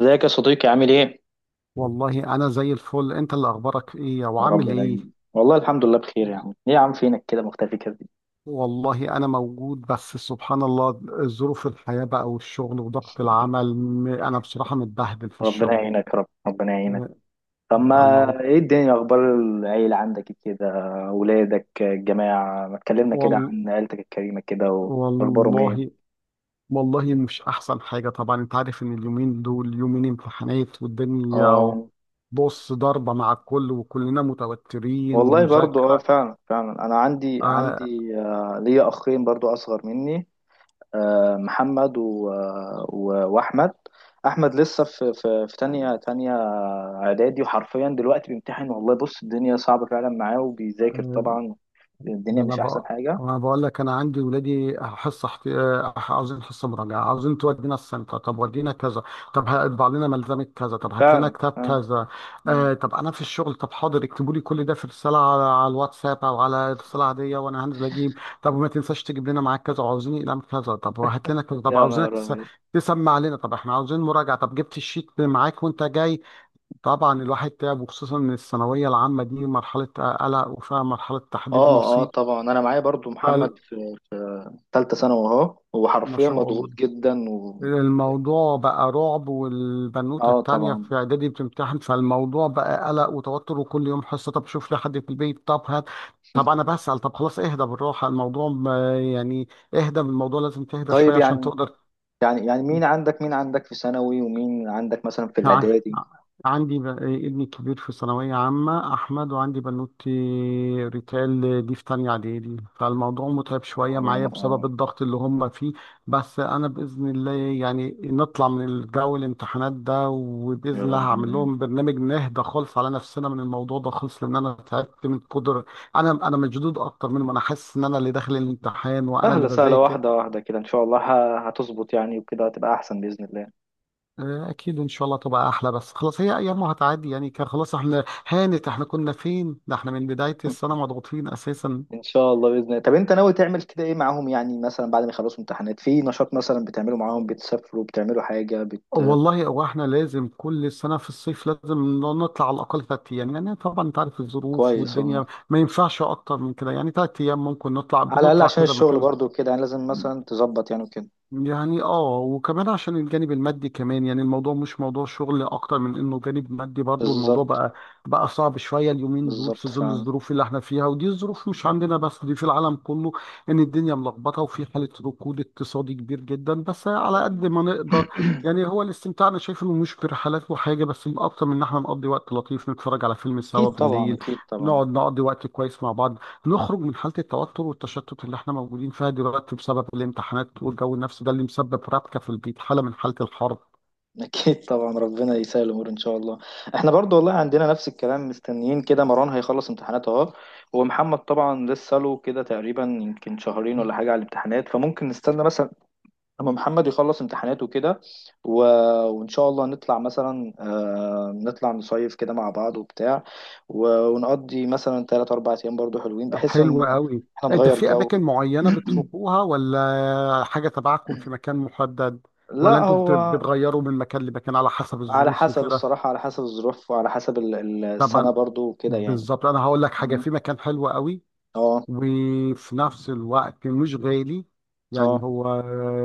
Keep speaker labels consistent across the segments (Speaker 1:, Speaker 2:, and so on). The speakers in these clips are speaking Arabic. Speaker 1: ازيك يا صديقي، عامل ايه؟
Speaker 2: والله أنا زي الفل. أنت اللي أخبارك إيه
Speaker 1: يا رب
Speaker 2: وعامل إيه؟
Speaker 1: دايما. والله الحمد لله بخير يا عم. ايه يا عم، فينك كده مختفي كده؟
Speaker 2: والله أنا موجود، بس سبحان الله ظروف الحياة بقى والشغل وضغط العمل. أنا بصراحة متبهدل في
Speaker 1: ربنا
Speaker 2: الشغل.
Speaker 1: يعينك يا رب، ربنا يعينك.
Speaker 2: آه،
Speaker 1: طب ما،
Speaker 2: فالموضوع.
Speaker 1: ايه الدنيا؟ إيه اخبار العيلة عندك إيه كده؟ اولادك الجماعة، ما تكلمنا كده
Speaker 2: وال...
Speaker 1: عن عيلتك الكريمة كده. واخبارهم ايه؟
Speaker 2: والله والله مش أحسن حاجة. طبعا أنت عارف إن اليومين دول يومين امتحانات والدنيا.
Speaker 1: اه.
Speaker 2: بص، ضربة مع الكل، وكلنا متوترين
Speaker 1: والله برضو
Speaker 2: ومذاكرة.
Speaker 1: فعلا فعلا، انا عندي
Speaker 2: آه.
Speaker 1: عندي ليا اخين برضو اصغر مني. محمد واحمد. احمد لسه في تانية اعدادي، وحرفيا دلوقتي بيمتحن. والله بص، الدنيا صعبة فعلا معاه، وبيذاكر
Speaker 2: آه،
Speaker 1: طبعا. الدنيا
Speaker 2: ده انا
Speaker 1: مش احسن
Speaker 2: بقى،
Speaker 1: حاجة،
Speaker 2: انا بقول لك، انا عندي ولادي حصه احت... آه، عاوزين حصه مراجعه، عاوزين تودينا السنتر، طب ودينا كذا، طب هطبع لنا ملزمه كذا، طب هات لنا
Speaker 1: فعلا
Speaker 2: كتاب
Speaker 1: فعلا.
Speaker 2: كذا.
Speaker 1: مم.
Speaker 2: آه، طب انا في الشغل، طب حاضر اكتبوا لي كل ده في رساله على الواتساب او على رساله عاديه، وانا هنزل اجيب. طب وما تنساش تجيب لنا معاك كذا، وعاوزين اقلام كذا، طب وهات لنا كذا، طب
Speaker 1: يا نهار ابيض!
Speaker 2: تسمع لنا، طب احنا عاوزين مراجعه، طب جبت الشيت معاك وانت جاي؟ طبعا الواحد تعب، وخصوصا من الثانويه العامه دي مرحله قلق وفيها مرحله تحديد
Speaker 1: اه اه،
Speaker 2: مصير.
Speaker 1: طبعا. انا معايا برضو محمد
Speaker 2: فال-
Speaker 1: في تالتة ثانوي اهو، هو
Speaker 2: ما
Speaker 1: حرفيا
Speaker 2: شاء الله.
Speaker 1: مضغوط جدا
Speaker 2: الموضوع بقى رعب، والبنوتة
Speaker 1: اه
Speaker 2: التانية
Speaker 1: طبعا.
Speaker 2: في إعدادي بتمتحن، فالموضوع بقى قلق وتوتر وكل يوم حصة، طب شوف لي حد في البيت، طب هات، طب أنا بسأل، طب خلاص اهدى بالراحة، الموضوع يعني اهدى بالموضوع، لازم تهدى
Speaker 1: طيب،
Speaker 2: شوية عشان
Speaker 1: يعني
Speaker 2: تقدر.
Speaker 1: يعني يعني مين عندك في ثانوي، ومين عندك مثلا في
Speaker 2: ع-
Speaker 1: الاعدادي؟
Speaker 2: عندي ابني الكبير في ثانوية عامة أحمد، وعندي بنوتي ريتال دي في تانية إعدادي، فالموضوع متعب
Speaker 1: اه
Speaker 2: شوية معايا بسبب
Speaker 1: اه.
Speaker 2: الضغط اللي هم فيه. بس أنا بإذن الله يعني نطلع من الجو الامتحانات ده،
Speaker 1: يا
Speaker 2: وبإذن الله
Speaker 1: رب
Speaker 2: هعمل
Speaker 1: دايما.
Speaker 2: لهم برنامج نهدى خالص على نفسنا من الموضوع ده خالص، لأن أنا تعبت من قدر. أنا مشدود أكتر منهم، أنا حاسس إن أنا اللي داخل الامتحان وأنا اللي
Speaker 1: سهلة سهلة،
Speaker 2: بذاكر.
Speaker 1: واحدة واحدة كده، ان شاء الله هتظبط يعني، وكده هتبقى احسن بإذن الله.
Speaker 2: اكيد ان شاء الله تبقى احلى، بس خلاص هي ايام وهتعدي يعني، كان خلاص احنا هانت، احنا كنا فين، ده احنا من بداية السنة مضغوطين اساسا.
Speaker 1: ان شاء الله، باذن الله. طب انت ناوي تعمل كده ايه معاهم؟ يعني مثلا بعد ما يخلصوا امتحانات، في نشاط مثلا بتعمله معاهم؟ بتسافروا، بتعملوا حاجه
Speaker 2: والله هو احنا لازم كل سنة في الصيف لازم نطلع على الاقل ثلاث ايام. يعني طبعا انت عارف الظروف
Speaker 1: كويس والله.
Speaker 2: والدنيا، ما ينفعش اكتر من كده، يعني ثلاث ايام ممكن نطلع،
Speaker 1: على الاقل
Speaker 2: بنطلع
Speaker 1: عشان
Speaker 2: كذا
Speaker 1: الشغل
Speaker 2: مكان.
Speaker 1: برضو كده يعني، لازم مثلا تظبط يعني وكده.
Speaker 2: يعني اه، وكمان عشان الجانب المادي كمان، يعني الموضوع مش موضوع شغل اكتر من انه جانب مادي برضو، الموضوع
Speaker 1: بالظبط
Speaker 2: بقى صعب شوية اليومين دول
Speaker 1: بالظبط.
Speaker 2: في ظل
Speaker 1: فعلا
Speaker 2: الظروف اللي احنا فيها، ودي الظروف مش عندنا بس، دي في العالم كله. ان الدنيا ملخبطة وفي حالة ركود اقتصادي كبير جدا، بس على قد
Speaker 1: فعلا.
Speaker 2: ما نقدر. يعني هو الاستمتاع انا شايف انه مش برحلات وحاجة بس، اكتر من ان احنا نقضي وقت لطيف، نتفرج على فيلم سوا
Speaker 1: اكيد طبعا،
Speaker 2: بالليل،
Speaker 1: اكيد طبعا،
Speaker 2: نقعد نقضي وقت كويس مع بعض، نخرج من حالة التوتر والتشتت اللي احنا موجودين فيها دلوقتي بسبب الامتحانات والجو النفسي ده اللي مسبب ربكة في البيت، حالة من حالة الحرب.
Speaker 1: اكيد طبعا. ربنا يسهل الامور ان شاء الله. احنا برضو والله عندنا نفس الكلام، مستنيين كده مروان هيخلص امتحانات اهو، ومحمد طبعا لسه له كده تقريبا يمكن شهرين ولا حاجه على الامتحانات، فممكن نستنى مثلا لما محمد يخلص امتحاناته كده، و... وإن شاء الله نطلع مثلا، نطلع نصيف كده مع بعض وبتاع، ونقضي مثلا تلات أربع أيام برضو حلوين، بحيث إن
Speaker 2: حلو قوي.
Speaker 1: احنا
Speaker 2: انت
Speaker 1: نغير
Speaker 2: في
Speaker 1: جو.
Speaker 2: اماكن معينة بتروحوها، ولا حاجة تبعكم في مكان محدد، ولا
Speaker 1: لا،
Speaker 2: انتوا
Speaker 1: هو
Speaker 2: بتغيروا من مكان لمكان على حسب
Speaker 1: على
Speaker 2: الظروف
Speaker 1: حسب،
Speaker 2: وكده؟
Speaker 1: الصراحة على حسب الظروف، وعلى حسب السنة
Speaker 2: طبعا.
Speaker 1: برضو وكده يعني.
Speaker 2: بالظبط، انا هقول لك حاجة،
Speaker 1: فاهمني؟
Speaker 2: في مكان حلو قوي،
Speaker 1: اه
Speaker 2: وفي نفس الوقت مش غالي، يعني
Speaker 1: اه.
Speaker 2: هو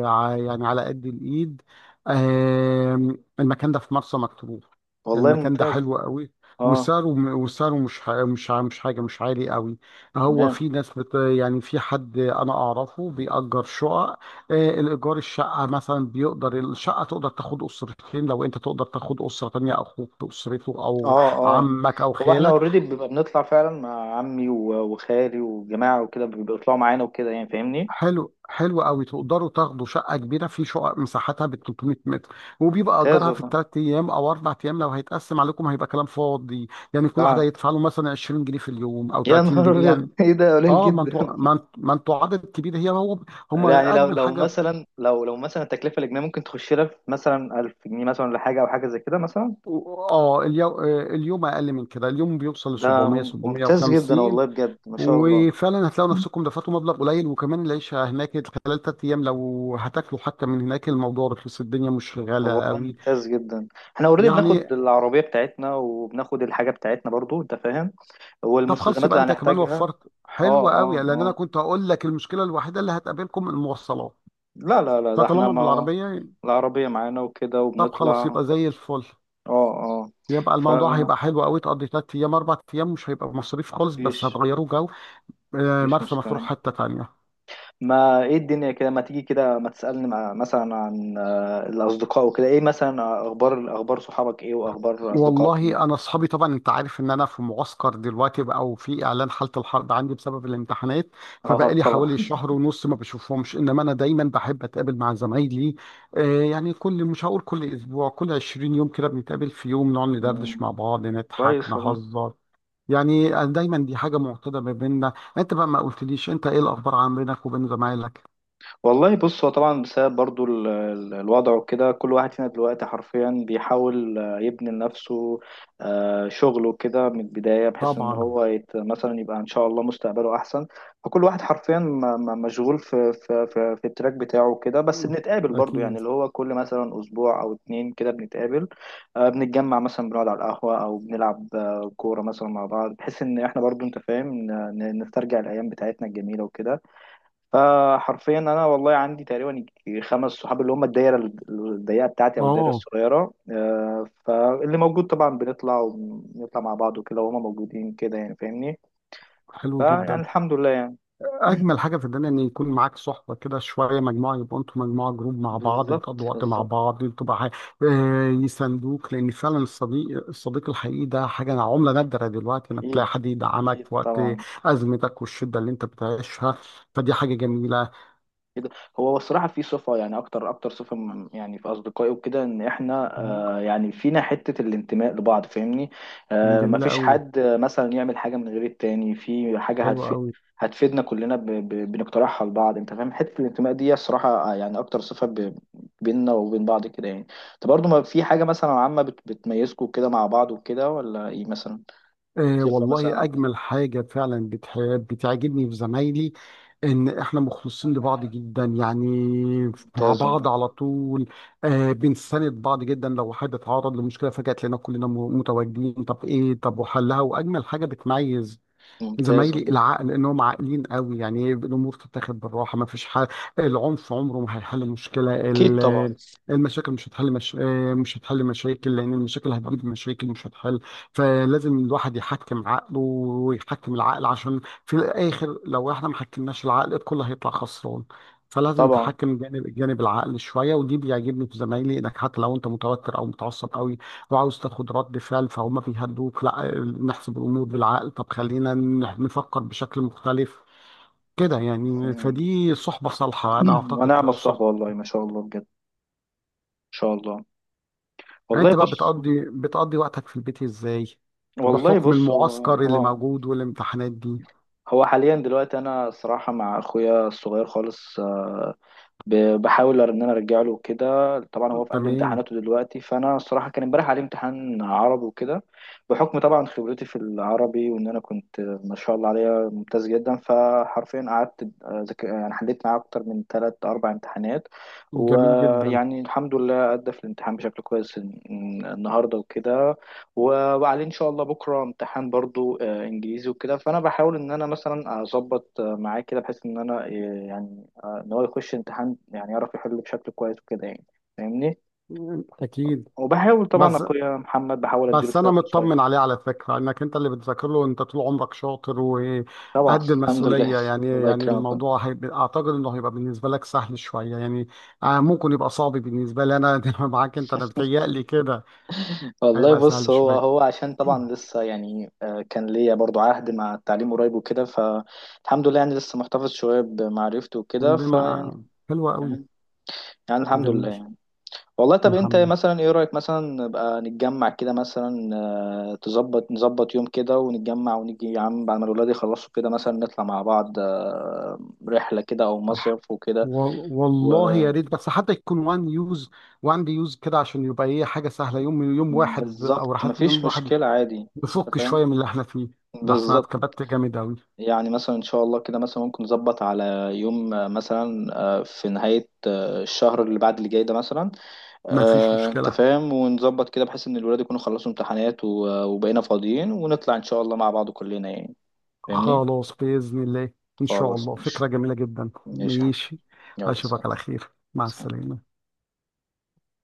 Speaker 2: يعني على قد الإيد. المكان ده في مرسى مطروح.
Speaker 1: والله
Speaker 2: المكان ده
Speaker 1: ممتاز.
Speaker 2: حلو قوي.
Speaker 1: اه
Speaker 2: وسعره وسعره مش حاجة، مش عالي قوي. هو
Speaker 1: تمام.
Speaker 2: في ناس يعني في حد أنا أعرفه بيأجر شقق. الإيجار الشقة مثلا بيقدر، الشقة تقدر تاخد أسرتين، لو أنت تقدر تاخد أسرة تانية أخوك بأسرته، أو
Speaker 1: اه اه،
Speaker 2: عمك أو
Speaker 1: هو احنا
Speaker 2: خالك.
Speaker 1: اوريدي بنبقى بنطلع فعلا مع عمي، وخالي وجماعة، وكده بيطلعوا معانا وكده يعني. فاهمني.
Speaker 2: حلو قوي، تقدروا تاخدوا شقه كبيره، في شقق مساحتها ب 300 متر، وبيبقى
Speaker 1: ممتاز
Speaker 2: اجارها في
Speaker 1: والله.
Speaker 2: الثلاث ايام او اربع ايام، لو هيتقسم عليكم هيبقى كلام فاضي. يعني كل واحد
Speaker 1: اه،
Speaker 2: هيدفع له مثلا 20 جنيه في اليوم، او
Speaker 1: يا
Speaker 2: 30
Speaker 1: نهار
Speaker 2: جنيه يعني.
Speaker 1: ابيض! ايه ده قليل
Speaker 2: اه، ما
Speaker 1: جدا!
Speaker 2: انتوا ما انتوا عدد كبير، هي هو هم
Speaker 1: يعني لو
Speaker 2: اجمل
Speaker 1: لو
Speaker 2: حاجه
Speaker 1: مثلا لو لو مثلا التكلفه الاجنبيه ممكن تخش لها في مثلا 1000 جنيه مثلا، ولا حاجه او حاجه زي كده مثلا.
Speaker 2: اه، اليوم اقل من كده، اليوم بيوصل ل
Speaker 1: ده
Speaker 2: 700
Speaker 1: ممتاز جدا
Speaker 2: 750.
Speaker 1: والله، بجد ما شاء الله.
Speaker 2: وفعلا هتلاقوا نفسكم دفعتوا مبلغ قليل، وكمان العيشه هناك خلال ثلاث ايام، لو هتاكلوا حتى من هناك الموضوع رخيص، الدنيا مش
Speaker 1: طب
Speaker 2: غاليه
Speaker 1: والله
Speaker 2: قوي.
Speaker 1: ممتاز جدا. احنا اوريدي بناخد
Speaker 2: يعني
Speaker 1: العربيه بتاعتنا، وبناخد الحاجه بتاعتنا برضو، انت فاهم،
Speaker 2: طب خلاص،
Speaker 1: والمستلزمات
Speaker 2: يبقى
Speaker 1: اللي
Speaker 2: انت كمان
Speaker 1: هنحتاجها.
Speaker 2: وفرت، حلو
Speaker 1: اه اه
Speaker 2: قوي، لان انا
Speaker 1: اه.
Speaker 2: كنت هقول لك المشكله الوحيده اللي هتقابلكم المواصلات،
Speaker 1: لا لا لا، ده احنا،
Speaker 2: فطالما
Speaker 1: ما هو
Speaker 2: بالعربيه
Speaker 1: العربيه معانا وكده
Speaker 2: طب خلاص
Speaker 1: وبنطلع.
Speaker 2: يبقى زي الفل.
Speaker 1: اه اه.
Speaker 2: يبقى
Speaker 1: ف
Speaker 2: الموضوع هيبقى حلو قوي، تقضي ثلاث ايام اربع ايام، مش هيبقى مصاريف خالص، بس
Speaker 1: مفيش
Speaker 2: هتغيروا جو.
Speaker 1: مفيش
Speaker 2: مرسى مطروح
Speaker 1: مشكله.
Speaker 2: حته تانيه.
Speaker 1: ما ايه الدنيا كده، ما تيجي كده، ما تسألني مع مثلا عن الأصدقاء وكده. ايه مثلا، أخبار صحابك ايه، وأخبار أصدقائك
Speaker 2: والله
Speaker 1: ايه؟
Speaker 2: انا اصحابي، طبعا انت عارف ان انا في معسكر دلوقتي بقى، وفي اعلان حاله الحرب عندي بسبب الامتحانات،
Speaker 1: اه
Speaker 2: فبقى لي
Speaker 1: طبعا.
Speaker 2: حوالي شهر ونص ما بشوفهمش، انما انا دايما بحب اتقابل مع زمايلي. آه يعني كل، مش هقول كل اسبوع، كل 20 يوم كده بنتقابل في يوم، نقعد ندردش
Speaker 1: مم،
Speaker 2: مع بعض، نضحك
Speaker 1: كويس والله.
Speaker 2: نهزر، يعني أنا دايما دي حاجه معتاده ما بيننا. انت بقى ما قلتليش، انت ايه الاخبار، عن بينك وبين زمايلك؟
Speaker 1: والله بص، هو طبعا بسبب برضو الوضع وكده، كل واحد فينا دلوقتي حرفيا بيحاول يبني لنفسه شغله كده من البداية، بحيث ان
Speaker 2: طبعا.
Speaker 1: هو مثلا يبقى ان شاء الله مستقبله احسن. فكل واحد حرفيا مشغول في التراك بتاعه كده، بس
Speaker 2: مم.
Speaker 1: بنتقابل برضو، يعني
Speaker 2: اكيد.
Speaker 1: اللي هو كل مثلا اسبوع او اتنين كده بنتقابل. بنتجمع مثلا، بنقعد على القهوة او بنلعب كورة مثلا مع بعض، بحيث ان احنا برضو، انت فاهم، نسترجع الايام بتاعتنا الجميلة وكده. حرفيا انا والله عندي تقريبا خمس صحاب، اللي هم الدايره الضيقه بتاعتي، او الدايره
Speaker 2: اه.
Speaker 1: الصغيره. فاللي موجود طبعا، بنطلع ونطلع مع بعض وكده، وهم موجودين كده يعني. فاهمني.
Speaker 2: حلو
Speaker 1: فيعني
Speaker 2: جدا.
Speaker 1: الحمد لله يعني.
Speaker 2: اجمل حاجه في الدنيا ان يكون معاك صحبه كده، شويه مجموعه، يبقوا انتوا مجموعه جروب مع بعض،
Speaker 1: بالظبط
Speaker 2: بتقضوا وقت مع
Speaker 1: بالظبط.
Speaker 2: بعض، بتبقى يساندوك، لان فعلا الصديق الصديق الحقيقي ده حاجه عمله نادره دلوقتي، انك تلاقي
Speaker 1: اكيد
Speaker 2: حد يدعمك
Speaker 1: اكيد
Speaker 2: في وقت
Speaker 1: طبعا
Speaker 2: ازمتك والشده اللي انت بتعيشها، فدي حاجه
Speaker 1: كده. هو بصراحة في صفة يعني، أكتر أكتر صفة يعني في أصدقائي وكده، إن إحنا يعني فينا حتة الانتماء لبعض. فاهمني.
Speaker 2: جميله
Speaker 1: مفيش
Speaker 2: قوي.
Speaker 1: حد مثلا يعمل حاجة من غير التاني في حاجة
Speaker 2: حلوه
Speaker 1: هتفيد،
Speaker 2: قوي.
Speaker 1: هتفيدنا كلنا، بنقترحها لبعض. أنت فاهم، حتة الانتماء دي الصراحة، يعني أكتر صفة بيننا وبين بعض كده يعني. أنت برضو ما في حاجة مثلا عامة بتميزكوا كده مع بعض وكده، ولا إيه مثلا؟
Speaker 2: آه
Speaker 1: صفة
Speaker 2: والله
Speaker 1: مثلا؟
Speaker 2: أجمل حاجة فعلا بتعجبني في زمايلي، إن إحنا مخلصين لبعض جدا، يعني مع
Speaker 1: ممتاز ولا،
Speaker 2: بعض على طول. آه، بنساند بعض جدا، لو حد اتعرض لمشكلة فجأة تلاقينا كلنا متواجدين، طب إيه طب وحلها. وأجمل حاجة بتميز
Speaker 1: ممتاز
Speaker 2: زمايلي
Speaker 1: ولا،
Speaker 2: العقل، انهم عاقلين قوي يعني، إيه، الامور تتاخد بالراحه، ما فيش حل. العنف عمره ما هيحل مشكله
Speaker 1: أكيد طبعا
Speaker 2: المشاكل، مش هتحل، مش هتحل مشاكل، لان المشاكل هتجيب مشاكل، مش هتحل. فلازم الواحد يحكم عقله ويحكم العقل، عشان في الاخر لو احنا ما حكمناش العقل الكل هيطلع خسران. فلازم
Speaker 1: طبعا.
Speaker 2: تحكم جانب العقل شويه، ودي بيعجبني في زمايلي، انك حتى لو انت متوتر او متعصب قوي وعاوز تاخد رد فعل، فهم بيهدوك، لا نحسب الامور بالعقل، طب خلينا نفكر بشكل مختلف كده يعني. فدي صحبه صالحه، انا اعتقد
Speaker 1: ونعم
Speaker 2: كده
Speaker 1: الصحبة
Speaker 2: الصحبه.
Speaker 1: والله، ما شاء الله بجد، ان شاء الله.
Speaker 2: يعني
Speaker 1: والله
Speaker 2: انت بقى
Speaker 1: بص
Speaker 2: بتقضي وقتك في البيت ازاي،
Speaker 1: والله
Speaker 2: بحكم
Speaker 1: بص
Speaker 2: المعسكر اللي
Speaker 1: اه
Speaker 2: موجود والامتحانات دي؟
Speaker 1: هو حاليا دلوقتي انا الصراحة مع اخويا الصغير خالص، بحاول ان انا ارجع له كده. طبعا هو في قلب
Speaker 2: تمام.
Speaker 1: امتحاناته دلوقتي، فانا الصراحه كان امبارح عليه امتحان عربي وكده، بحكم طبعا خبرتي في العربي، وان انا كنت ما شاء الله عليا ممتاز جدا، فحرفيا قعدت يعني حليت معاه اكتر من ثلاث اربع امتحانات.
Speaker 2: جميل جدا.
Speaker 1: ويعني الحمد لله ادى في الامتحان بشكل كويس النهارده وكده، وعليه ان شاء الله بكره امتحان برضو انجليزي وكده، فانا بحاول ان انا مثلا اظبط معاه كده، بحيث ان انا يعني ان هو يخش امتحان، يعني يعرف يحل بشكل كويس وكده يعني. فاهمني.
Speaker 2: اكيد.
Speaker 1: وبحاول طبعا
Speaker 2: بس
Speaker 1: اخويا محمد، بحاول اديله
Speaker 2: بس
Speaker 1: شويه
Speaker 2: انا
Speaker 1: نصايح
Speaker 2: مطمن عليه على فكره، انك انت اللي بتذاكر له، وانت طول عمرك شاطر
Speaker 1: طبعا.
Speaker 2: وقد
Speaker 1: الحمد لله.
Speaker 2: المسؤوليه، يعني
Speaker 1: الله
Speaker 2: يعني
Speaker 1: يكرمكم.
Speaker 2: الموضوع هيبقى، اعتقد انه هيبقى بالنسبه لك سهل شويه يعني. ممكن يبقى صعب بالنسبه لي انا معاك انت، انا بتهيألي كده،
Speaker 1: والله
Speaker 2: هيبقى
Speaker 1: بص،
Speaker 2: سهل
Speaker 1: هو
Speaker 2: شويه.
Speaker 1: هو عشان طبعا لسه يعني، كان ليا برضو عهد مع التعليم قريب وكده، فالحمد لله يعني لسه محتفظ شويه بمعرفته وكده
Speaker 2: بما
Speaker 1: فيعني.
Speaker 2: حلوه قوي.
Speaker 1: فاهم؟ يعني الحمد لله
Speaker 2: جميل.
Speaker 1: يعني. والله، طب انت
Speaker 2: الحمد
Speaker 1: مثلا ايه رأيك مثلا نبقى نتجمع كده مثلا، نظبط يوم كده ونتجمع، ونيجي يا عم بعد ما الولاد يخلصوا كده، مثلا نطلع مع بعض رحلة كده او
Speaker 2: لله.
Speaker 1: مصيف وكده،
Speaker 2: والله يا ريت، بس حتى يكون وان يوز، وان دي يوز كده، عشان يبقى ايه، حاجه سهله، يوم، يوم واحد او
Speaker 1: وبالظبط
Speaker 2: رحلات اليوم
Speaker 1: مفيش
Speaker 2: الواحد،
Speaker 1: مشكلة، عادي. انت
Speaker 2: نفك
Speaker 1: فاهم،
Speaker 2: شوية من اللي احنا فيه، لحسن انا
Speaker 1: بالظبط.
Speaker 2: اتكبت جامد أوي.
Speaker 1: يعني مثلا ان شاء الله كده مثلا ممكن نظبط على يوم مثلا، في نهاية الشهر اللي بعد اللي جاي ده مثلا،
Speaker 2: مفيش
Speaker 1: انت
Speaker 2: مشكلة،
Speaker 1: فاهم، ونظبط كده بحيث ان الولاد يكونوا خلصوا امتحانات، وبقينا فاضيين ونطلع ان شاء الله مع بعض كلنا يعني. فاهمني.
Speaker 2: خلاص بإذن الله. إن شاء
Speaker 1: خلاص
Speaker 2: الله
Speaker 1: ماشي.
Speaker 2: فكرة جميلة جدا.
Speaker 1: ماشي يا حبيبي،
Speaker 2: ماشي.
Speaker 1: يلا سلام.
Speaker 2: أشوفك على خير، مع
Speaker 1: سلام.
Speaker 2: السلامة.